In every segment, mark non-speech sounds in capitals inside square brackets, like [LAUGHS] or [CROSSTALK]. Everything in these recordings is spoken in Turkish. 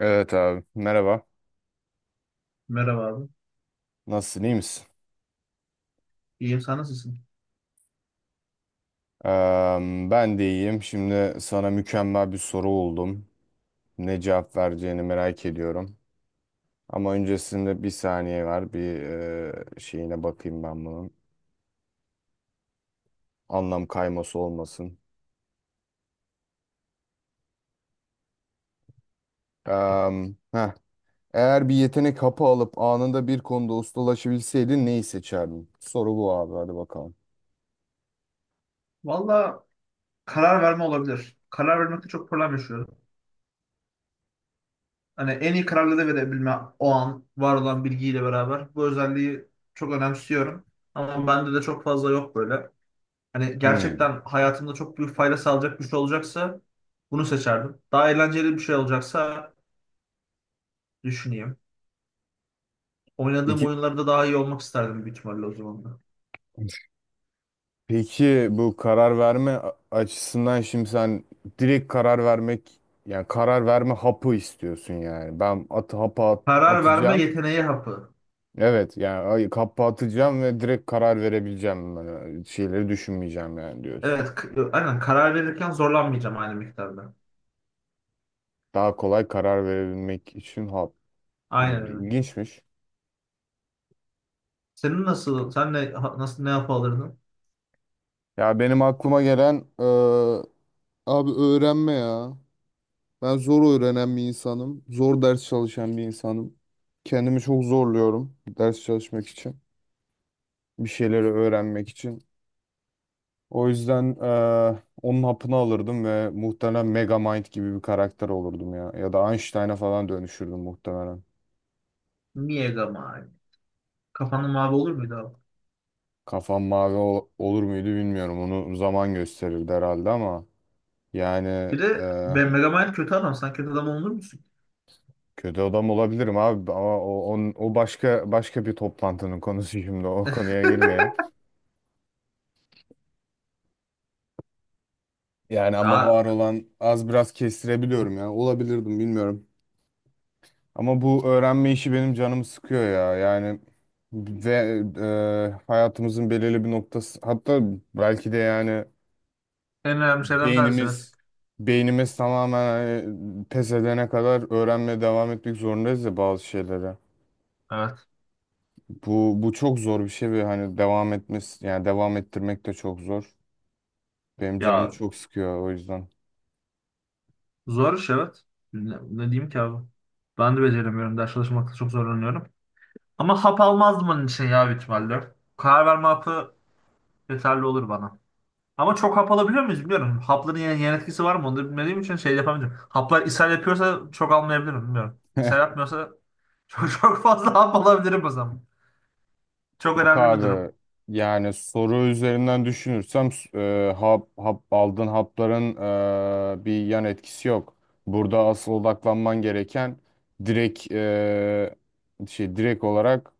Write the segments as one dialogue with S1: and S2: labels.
S1: Evet abi. Merhaba.
S2: Merhaba abi.
S1: Nasılsın? İyi misin?
S2: İyiyim sen nasılsın?
S1: Ben de iyiyim. Şimdi sana mükemmel bir soru buldum. Ne cevap vereceğini merak ediyorum. Ama öncesinde bir saniye var. Bir Şeyine bakayım ben bunun. Anlam kayması olmasın. Heh. Eğer bir yetenek hapı alıp anında bir konuda ustalaşabilseydin neyi seçerdin? Soru bu abi. Hadi bakalım.
S2: Valla karar verme olabilir. Karar vermekte çok problem yaşıyorum. Hani en iyi kararları da verebilme o an var olan bilgiyle beraber. Bu özelliği çok önemsiyorum. Ama bende de çok fazla yok böyle. Hani
S1: Hmm.
S2: gerçekten hayatımda çok büyük fayda sağlayacak bir şey olacaksa bunu seçerdim. Daha eğlenceli bir şey olacaksa düşüneyim. Oynadığım
S1: İki.
S2: oyunlarda daha iyi olmak isterdim büyük ihtimalle o zaman da.
S1: Peki bu karar verme açısından şimdi sen direkt karar vermek yani karar verme hapı istiyorsun yani. Ben atı hapa
S2: Karar verme
S1: atacağım.
S2: yeteneği hapı.
S1: Evet yani hapı atacağım ve direkt karar verebileceğim. Yani şeyleri düşünmeyeceğim yani diyorsun.
S2: Evet, aynen karar verirken zorlanmayacağım aynı miktarda.
S1: Daha kolay karar verebilmek için hap.
S2: Aynen
S1: Hmm,
S2: öyle.
S1: İlginçmiş.
S2: Senin nasıl, sen ne, nasıl ne yapalırdın?
S1: Ya benim aklıma gelen eee, abi öğrenme ya. Ben zor öğrenen bir insanım. Zor ders çalışan bir insanım. Kendimi çok zorluyorum ders çalışmak için, bir şeyleri öğrenmek için. O yüzden onun hapını alırdım ve muhtemelen Megamind gibi bir karakter olurdum ya. Ya da Einstein'a falan dönüşürdüm muhtemelen.
S2: Mega Man. Kafanın mavi olur muydu abi?
S1: Kafam mavi olur muydu bilmiyorum. Onu zaman gösterirdi herhalde ama yani
S2: Bir de
S1: eee,
S2: ben Mega Man kötü adam. Sen kötü adam olur musun?
S1: kötü adam olabilirim abi ama o başka bir toplantının konusu, şimdi o konuya girmeyelim.
S2: [LAUGHS]
S1: Yani ama
S2: Ya,
S1: var olan az biraz kestirebiliyorum ya. Olabilirdim, bilmiyorum. Ama bu öğrenme işi benim canımı sıkıyor ya. Ve Hayatımızın belirli bir noktası, hatta belki de yani
S2: en önemli şeylerden bir tanesi evet.
S1: beynimiz beynimiz tamamen, hani pes edene kadar öğrenmeye devam etmek zorundayız ya bazı şeylere.
S2: Evet.
S1: Bu çok zor bir şey ve hani devam etmesi yani devam ettirmek de çok zor. Benim canımı
S2: Ya,
S1: çok sıkıyor o yüzden.
S2: zor iş evet. Ne, ne diyeyim ki abi? Ben de beceremiyorum. Ders çalışmakta çok zorlanıyorum. Ama hap almazdım onun için ya büyük ihtimalle. Karar verme hapı yeterli olur bana. Ama çok hap alabiliyor muyuz bilmiyorum. Hapların yan etkisi var mı onu da bilmediğim için şey yapamayacağım. Haplar ishal yapıyorsa çok almayabilirim bilmiyorum.
S1: [LAUGHS]
S2: İshal yapmıyorsa çok, [LAUGHS] çok fazla hap alabilirim o zaman. Çok
S1: Yok
S2: önemli bir
S1: abi,
S2: durum.
S1: yani soru üzerinden düşünürsem aldığın hapların bir yan etkisi yok. Burada asıl odaklanman gereken direkt e, şey direkt olarak,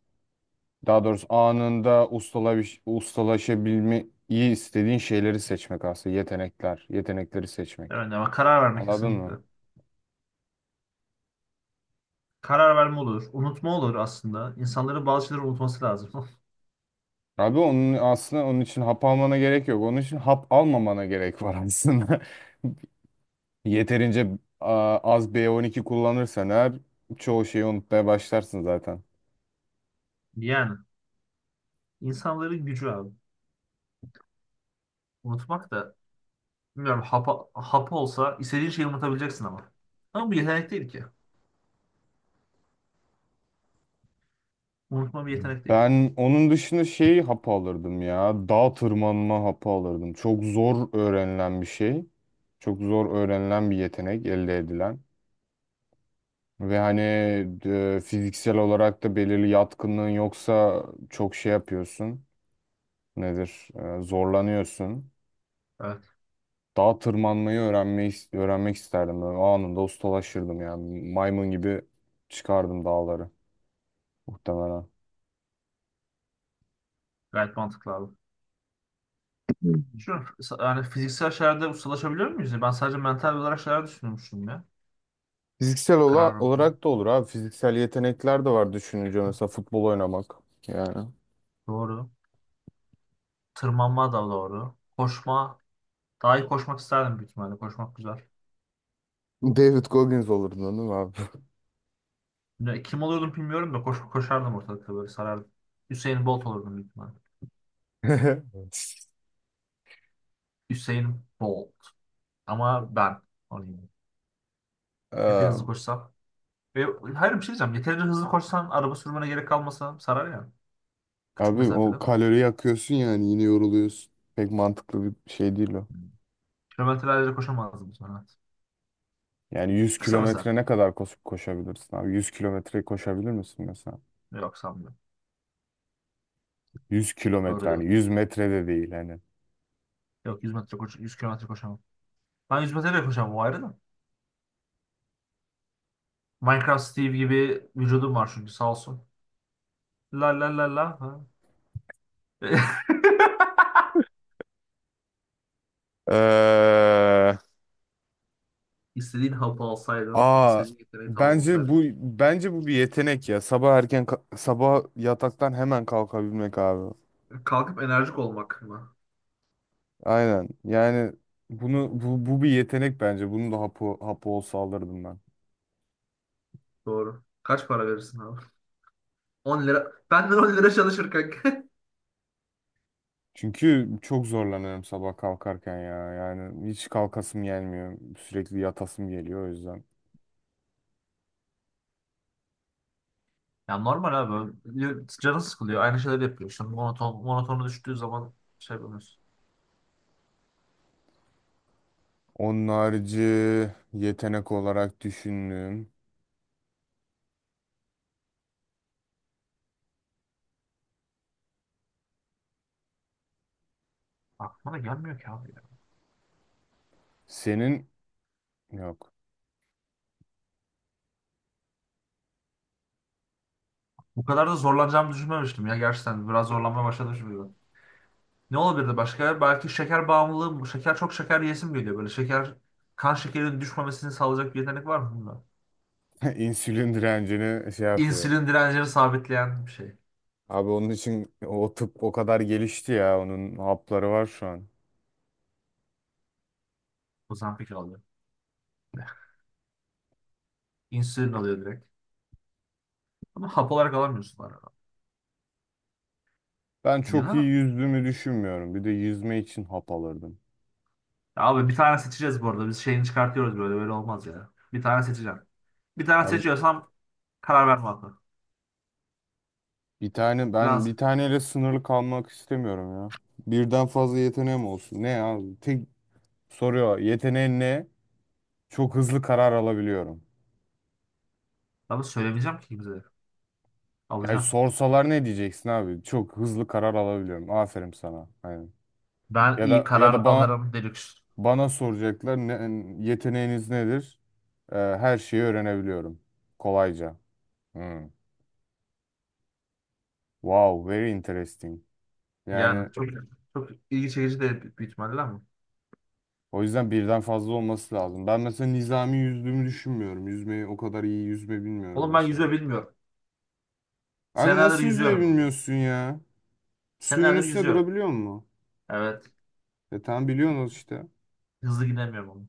S1: daha doğrusu anında ustalaşabilmeyi istediğin şeyleri seçmek, aslında yetenekleri seçmek.
S2: Evet ama karar verme
S1: Anladın
S2: kesinlikle.
S1: mı?
S2: Karar verme olur. Unutma olur aslında. İnsanların bazı şeyleri unutması lazım. [LAUGHS]
S1: Abi onun için hap almana gerek yok. Onun için hap almamana gerek var aslında. [LAUGHS] Yeterince a, az B12 kullanırsan eğer çoğu şeyi unutmaya başlarsın zaten.
S2: Yani insanların gücü abi. Unutmak da bilmiyorum hap olsa istediğin şeyi unutabileceksin ama. Ama bu yetenek değil ki. Unutma bir yetenek değil.
S1: Ben onun dışında şey hapı alırdım ya. Dağ tırmanma hapı alırdım. Çok zor öğrenilen bir şey. Çok zor öğrenilen bir yetenek, elde edilen. Ve hani fiziksel olarak da belirli yatkınlığın yoksa çok şey yapıyorsun. Nedir? Zorlanıyorsun.
S2: Evet.
S1: Dağa tırmanmayı öğrenmeyi öğrenmek isterdim. Böyle anında ustalaşırdım yani. Maymun gibi çıkardım dağları muhtemelen.
S2: Gayet mantıklı abi.
S1: Hı.
S2: Şu yani fiziksel şeylerde ustalaşabiliyor muyuz? Ben sadece mental olarak şeyler düşünmüştüm ya.
S1: Fiziksel
S2: Kararlılıkla.
S1: olarak da olur abi. Fiziksel yetenekler de var düşününce, mesela futbol oynamak. Yani
S2: Doğru. Tırmanma da doğru. Koşma. Daha iyi koşmak isterdim büyük ihtimalle. Koşmak güzel.
S1: David Goggins olurdun değil mi abi?
S2: Ne- Kim olurdum bilmiyorum da koşardım ortalıkta böyle sarardım. Hüseyin Bolt olurdum büyük ihtimalle.
S1: [LAUGHS]
S2: Hüseyin Bolt. Ama ben olayım. Epey
S1: Eee,
S2: hızlı koşsam. Ve, hayır bir şey diyeceğim. Yeterince hızlı koşsan araba sürmene gerek kalmasa sarar ya. Küçük
S1: Abi
S2: mesafede.
S1: o kalori yakıyorsun yani, yine yoruluyorsun. Pek mantıklı bir şey değil o.
S2: Hmm. Kilometrelerce koşamazdım sonra.
S1: Yani 100
S2: Kısa mesafe.
S1: kilometre ne kadar koşup koşabilirsin abi? 100 kilometre koşabilir misin mesela?
S2: Yok sanmıyorum.
S1: 100 kilometre,
S2: Doğru.
S1: hani 100 metre de değil hani.
S2: Yok, 100 metre koş, 100 kilometre koşamam. Ben 100 metre de koşamam o ayrı da. Minecraft Steve gibi vücudum var çünkü sağ olsun. La la la la, ha. [LAUGHS]
S1: Ee,
S2: İstediğin hapı alsaydın,
S1: aa
S2: istediğin yeteneği
S1: Bence
S2: tamamlasaydın.
S1: bu, bir yetenek ya. Sabah erken sabah yataktan hemen kalkabilmek abi.
S2: Kalkıp enerjik olmak mı?
S1: Aynen. Yani bu bir yetenek bence. Bunu da hapı olsa alırdım ben.
S2: Doğru. Kaç para verirsin abi? 10 lira. Benden 10 lira çalışır kanka. [LAUGHS]
S1: Çünkü çok zorlanıyorum sabah kalkarken ya. Yani hiç kalkasım gelmiyor. Sürekli yatasım geliyor o yüzden.
S2: Ya normal abi. Canı sıkılıyor. Aynı şeyleri yapıyor. İşte monotonu düştüğü zaman şey yapamıyorsun.
S1: Onun harici yetenek olarak düşündüğüm
S2: Aklıma da gelmiyor ki abi ya.
S1: senin yok.
S2: Bu kadar da zorlanacağımı düşünmemiştim ya gerçekten. Biraz zorlanmaya başladım şimdi. Ne olabilirdi başka? Belki şeker bağımlılığı mı? Şeker, çok şeker yesim geliyor böyle. Şeker, kan şekerinin düşmemesini sağlayacak bir yetenek var mı bunda?
S1: [LAUGHS] İnsülin direncini şey yapıyor.
S2: İnsülin direncini sabitleyen bir şey.
S1: Abi onun için o tıp o kadar gelişti ya. Onun hapları var şu an.
S2: Ozempic alıyor. [LAUGHS] İnsülin alıyor direkt. Ama hap olarak alamıyorsun arada.
S1: Ben
S2: Ya
S1: çok iyi
S2: da
S1: yüzdüğümü düşünmüyorum. Bir de yüzme için hap alırdım.
S2: ya abi bir tane seçeceğiz bu arada. Biz şeyini çıkartıyoruz böyle. Böyle olmaz ya. Bir tane seçeceğim. Bir tane
S1: Abi
S2: seçiyorsam karar verme hakkı.
S1: bir tane ben bir
S2: Lazım.
S1: taneyle sınırlı kalmak istemiyorum ya. Birden fazla yeteneğim olsun. Ne ya? Tek soruyor, yeteneğin ne? Çok hızlı karar alabiliyorum.
S2: Ama söylemeyeceğim ki kimseye.
S1: Ya
S2: Alacağım.
S1: sorsalar ne diyeceksin abi? Çok hızlı karar alabiliyorum. Aferin sana. Aynen.
S2: Ben
S1: Ya
S2: iyi
S1: da ya
S2: karar
S1: da bana
S2: alırım deluxe.
S1: Bana soracaklar ne, yeteneğiniz nedir? Her şeyi öğrenebiliyorum. Kolayca. Hmm. Wow, very interesting.
S2: Yani
S1: Yani
S2: çok, çok ilgi çekici de büyük ihtimalle ama.
S1: o yüzden birden fazla olması lazım. Ben mesela nizami yüzdüğümü düşünmüyorum. Yüzmeyi o kadar iyi yüzme bilmiyorum
S2: Oğlum ben
S1: mesela.
S2: yüzme bilmiyorum.
S1: Abi
S2: Senelerdir
S1: nasıl yüzme
S2: yüzüyorum ben de.
S1: bilmiyorsun ya? Suyun
S2: Senelerdir
S1: üstünde
S2: yüzüyorum.
S1: durabiliyor musun?
S2: Evet.
S1: E tamam, biliyorsunuz işte.
S2: Hızlı gidemiyorum oğlum.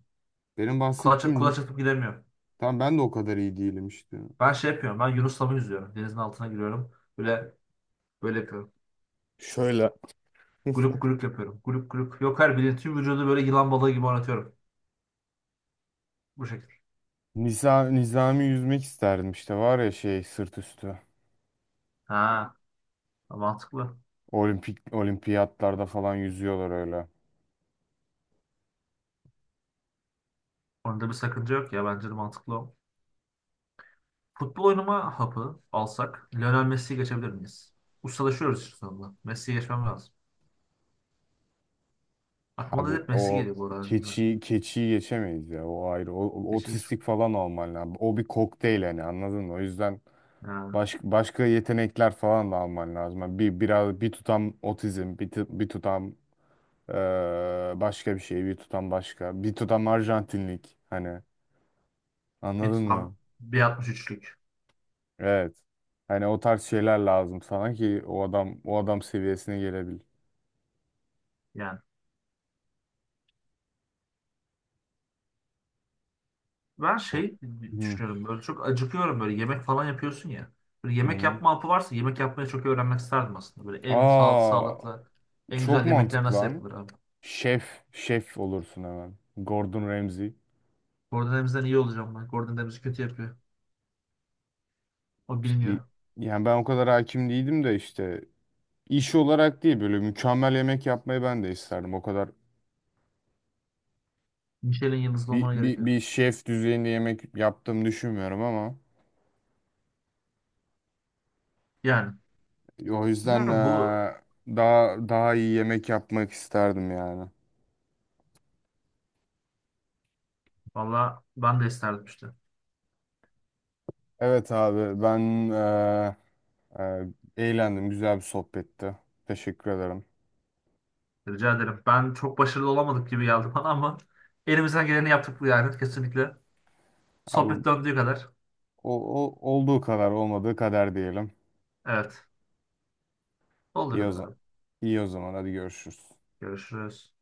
S1: Benim
S2: Kulaç,
S1: bahsettiğim...
S2: kulaç atıp gidemiyorum.
S1: Tamam, ben de o kadar iyi değilim işte.
S2: Ben şey yapıyorum. Ben Yunus'la yüzüyorum? Denizin altına giriyorum. Böyle böyle yapıyorum.
S1: Şöyle.
S2: Gulup gulup yapıyorum. Gulup gulup. Yok her bilin tüm vücudu böyle yılan balığı gibi oynatıyorum. Bu şekilde.
S1: Nizami yüzmek isterdim, işte var ya şey, sırt üstü.
S2: Ha, mantıklı.
S1: Olimpiyatlarda falan yüzüyorlar öyle.
S2: Onda bir sakınca yok ya. Bence de mantıklı o. Futbol oynama hapı alsak Lionel Messi'yi geçebilir miyiz? Ustalaşıyoruz işte sonunda. Messi'yi geçmem lazım. Aklıma da
S1: Abi
S2: hep Messi
S1: o
S2: geliyor bu arada. Bilmiyorum.
S1: keçiyi geçemeyiz ya. O ayrı.
S2: Geçir.
S1: Otistik falan olman lazım. O bir kokteyl yani, anladın mı? O yüzden
S2: Ha.
S1: başka yetenekler falan da alman lazım. Yani bir biraz bir tutam otizm, bir tutam eee, başka bir şey, bir tutam başka, bir tutam Arjantinlik, hani
S2: Bir
S1: anladın mı?
S2: tam bir 63'lük
S1: Evet. Hani o tarz şeyler lazım sana ki o adam seviyesine gelebil.
S2: yani. Ben
S1: O-
S2: şey
S1: Hı
S2: düşünüyorum, böyle çok acıkıyorum böyle yemek falan yapıyorsun ya. Böyle yemek
S1: hı.
S2: yapma hapı varsa yemek yapmayı çok öğrenmek isterdim aslında. Böyle en sağ,
S1: Aa,
S2: sağlıklı, en
S1: Çok
S2: güzel yemekler
S1: mantıklı
S2: nasıl
S1: lan.
S2: yapılır abi.
S1: Şef olursun hemen. Gordon Ramsay.
S2: Gordon Ramsay'den iyi olacağım ben. Gordon Ramsay kötü yapıyor. O
S1: Şey-
S2: bilmiyor.
S1: Yani ben o kadar hakim değildim de işte, iş olarak değil böyle mükemmel yemek yapmayı ben de isterdim. O kadar
S2: Michelin yıldızlı olmana gerek yok.
S1: bir şef düzeyinde yemek yaptığımı düşünmüyorum ama
S2: Yani
S1: o yüzden
S2: bilmiyorum bu,
S1: daha iyi yemek yapmak isterdim yani.
S2: valla ben de isterdim işte.
S1: Evet abi ben eee, eee, eğlendim. Güzel bir sohbetti. Teşekkür ederim.
S2: Rica ederim. Ben çok başarılı olamadık gibi geldi bana ama elimizden geleni yaptık yani kesinlikle.
S1: Abi,
S2: Sohbet
S1: o,
S2: döndüğü kadar.
S1: o, olduğu kadar olmadığı kadar diyelim.
S2: Evet. Olduğu
S1: İyi o
S2: kadar
S1: zaman.
S2: abi.
S1: İyi o zaman. Hadi görüşürüz.
S2: Görüşürüz.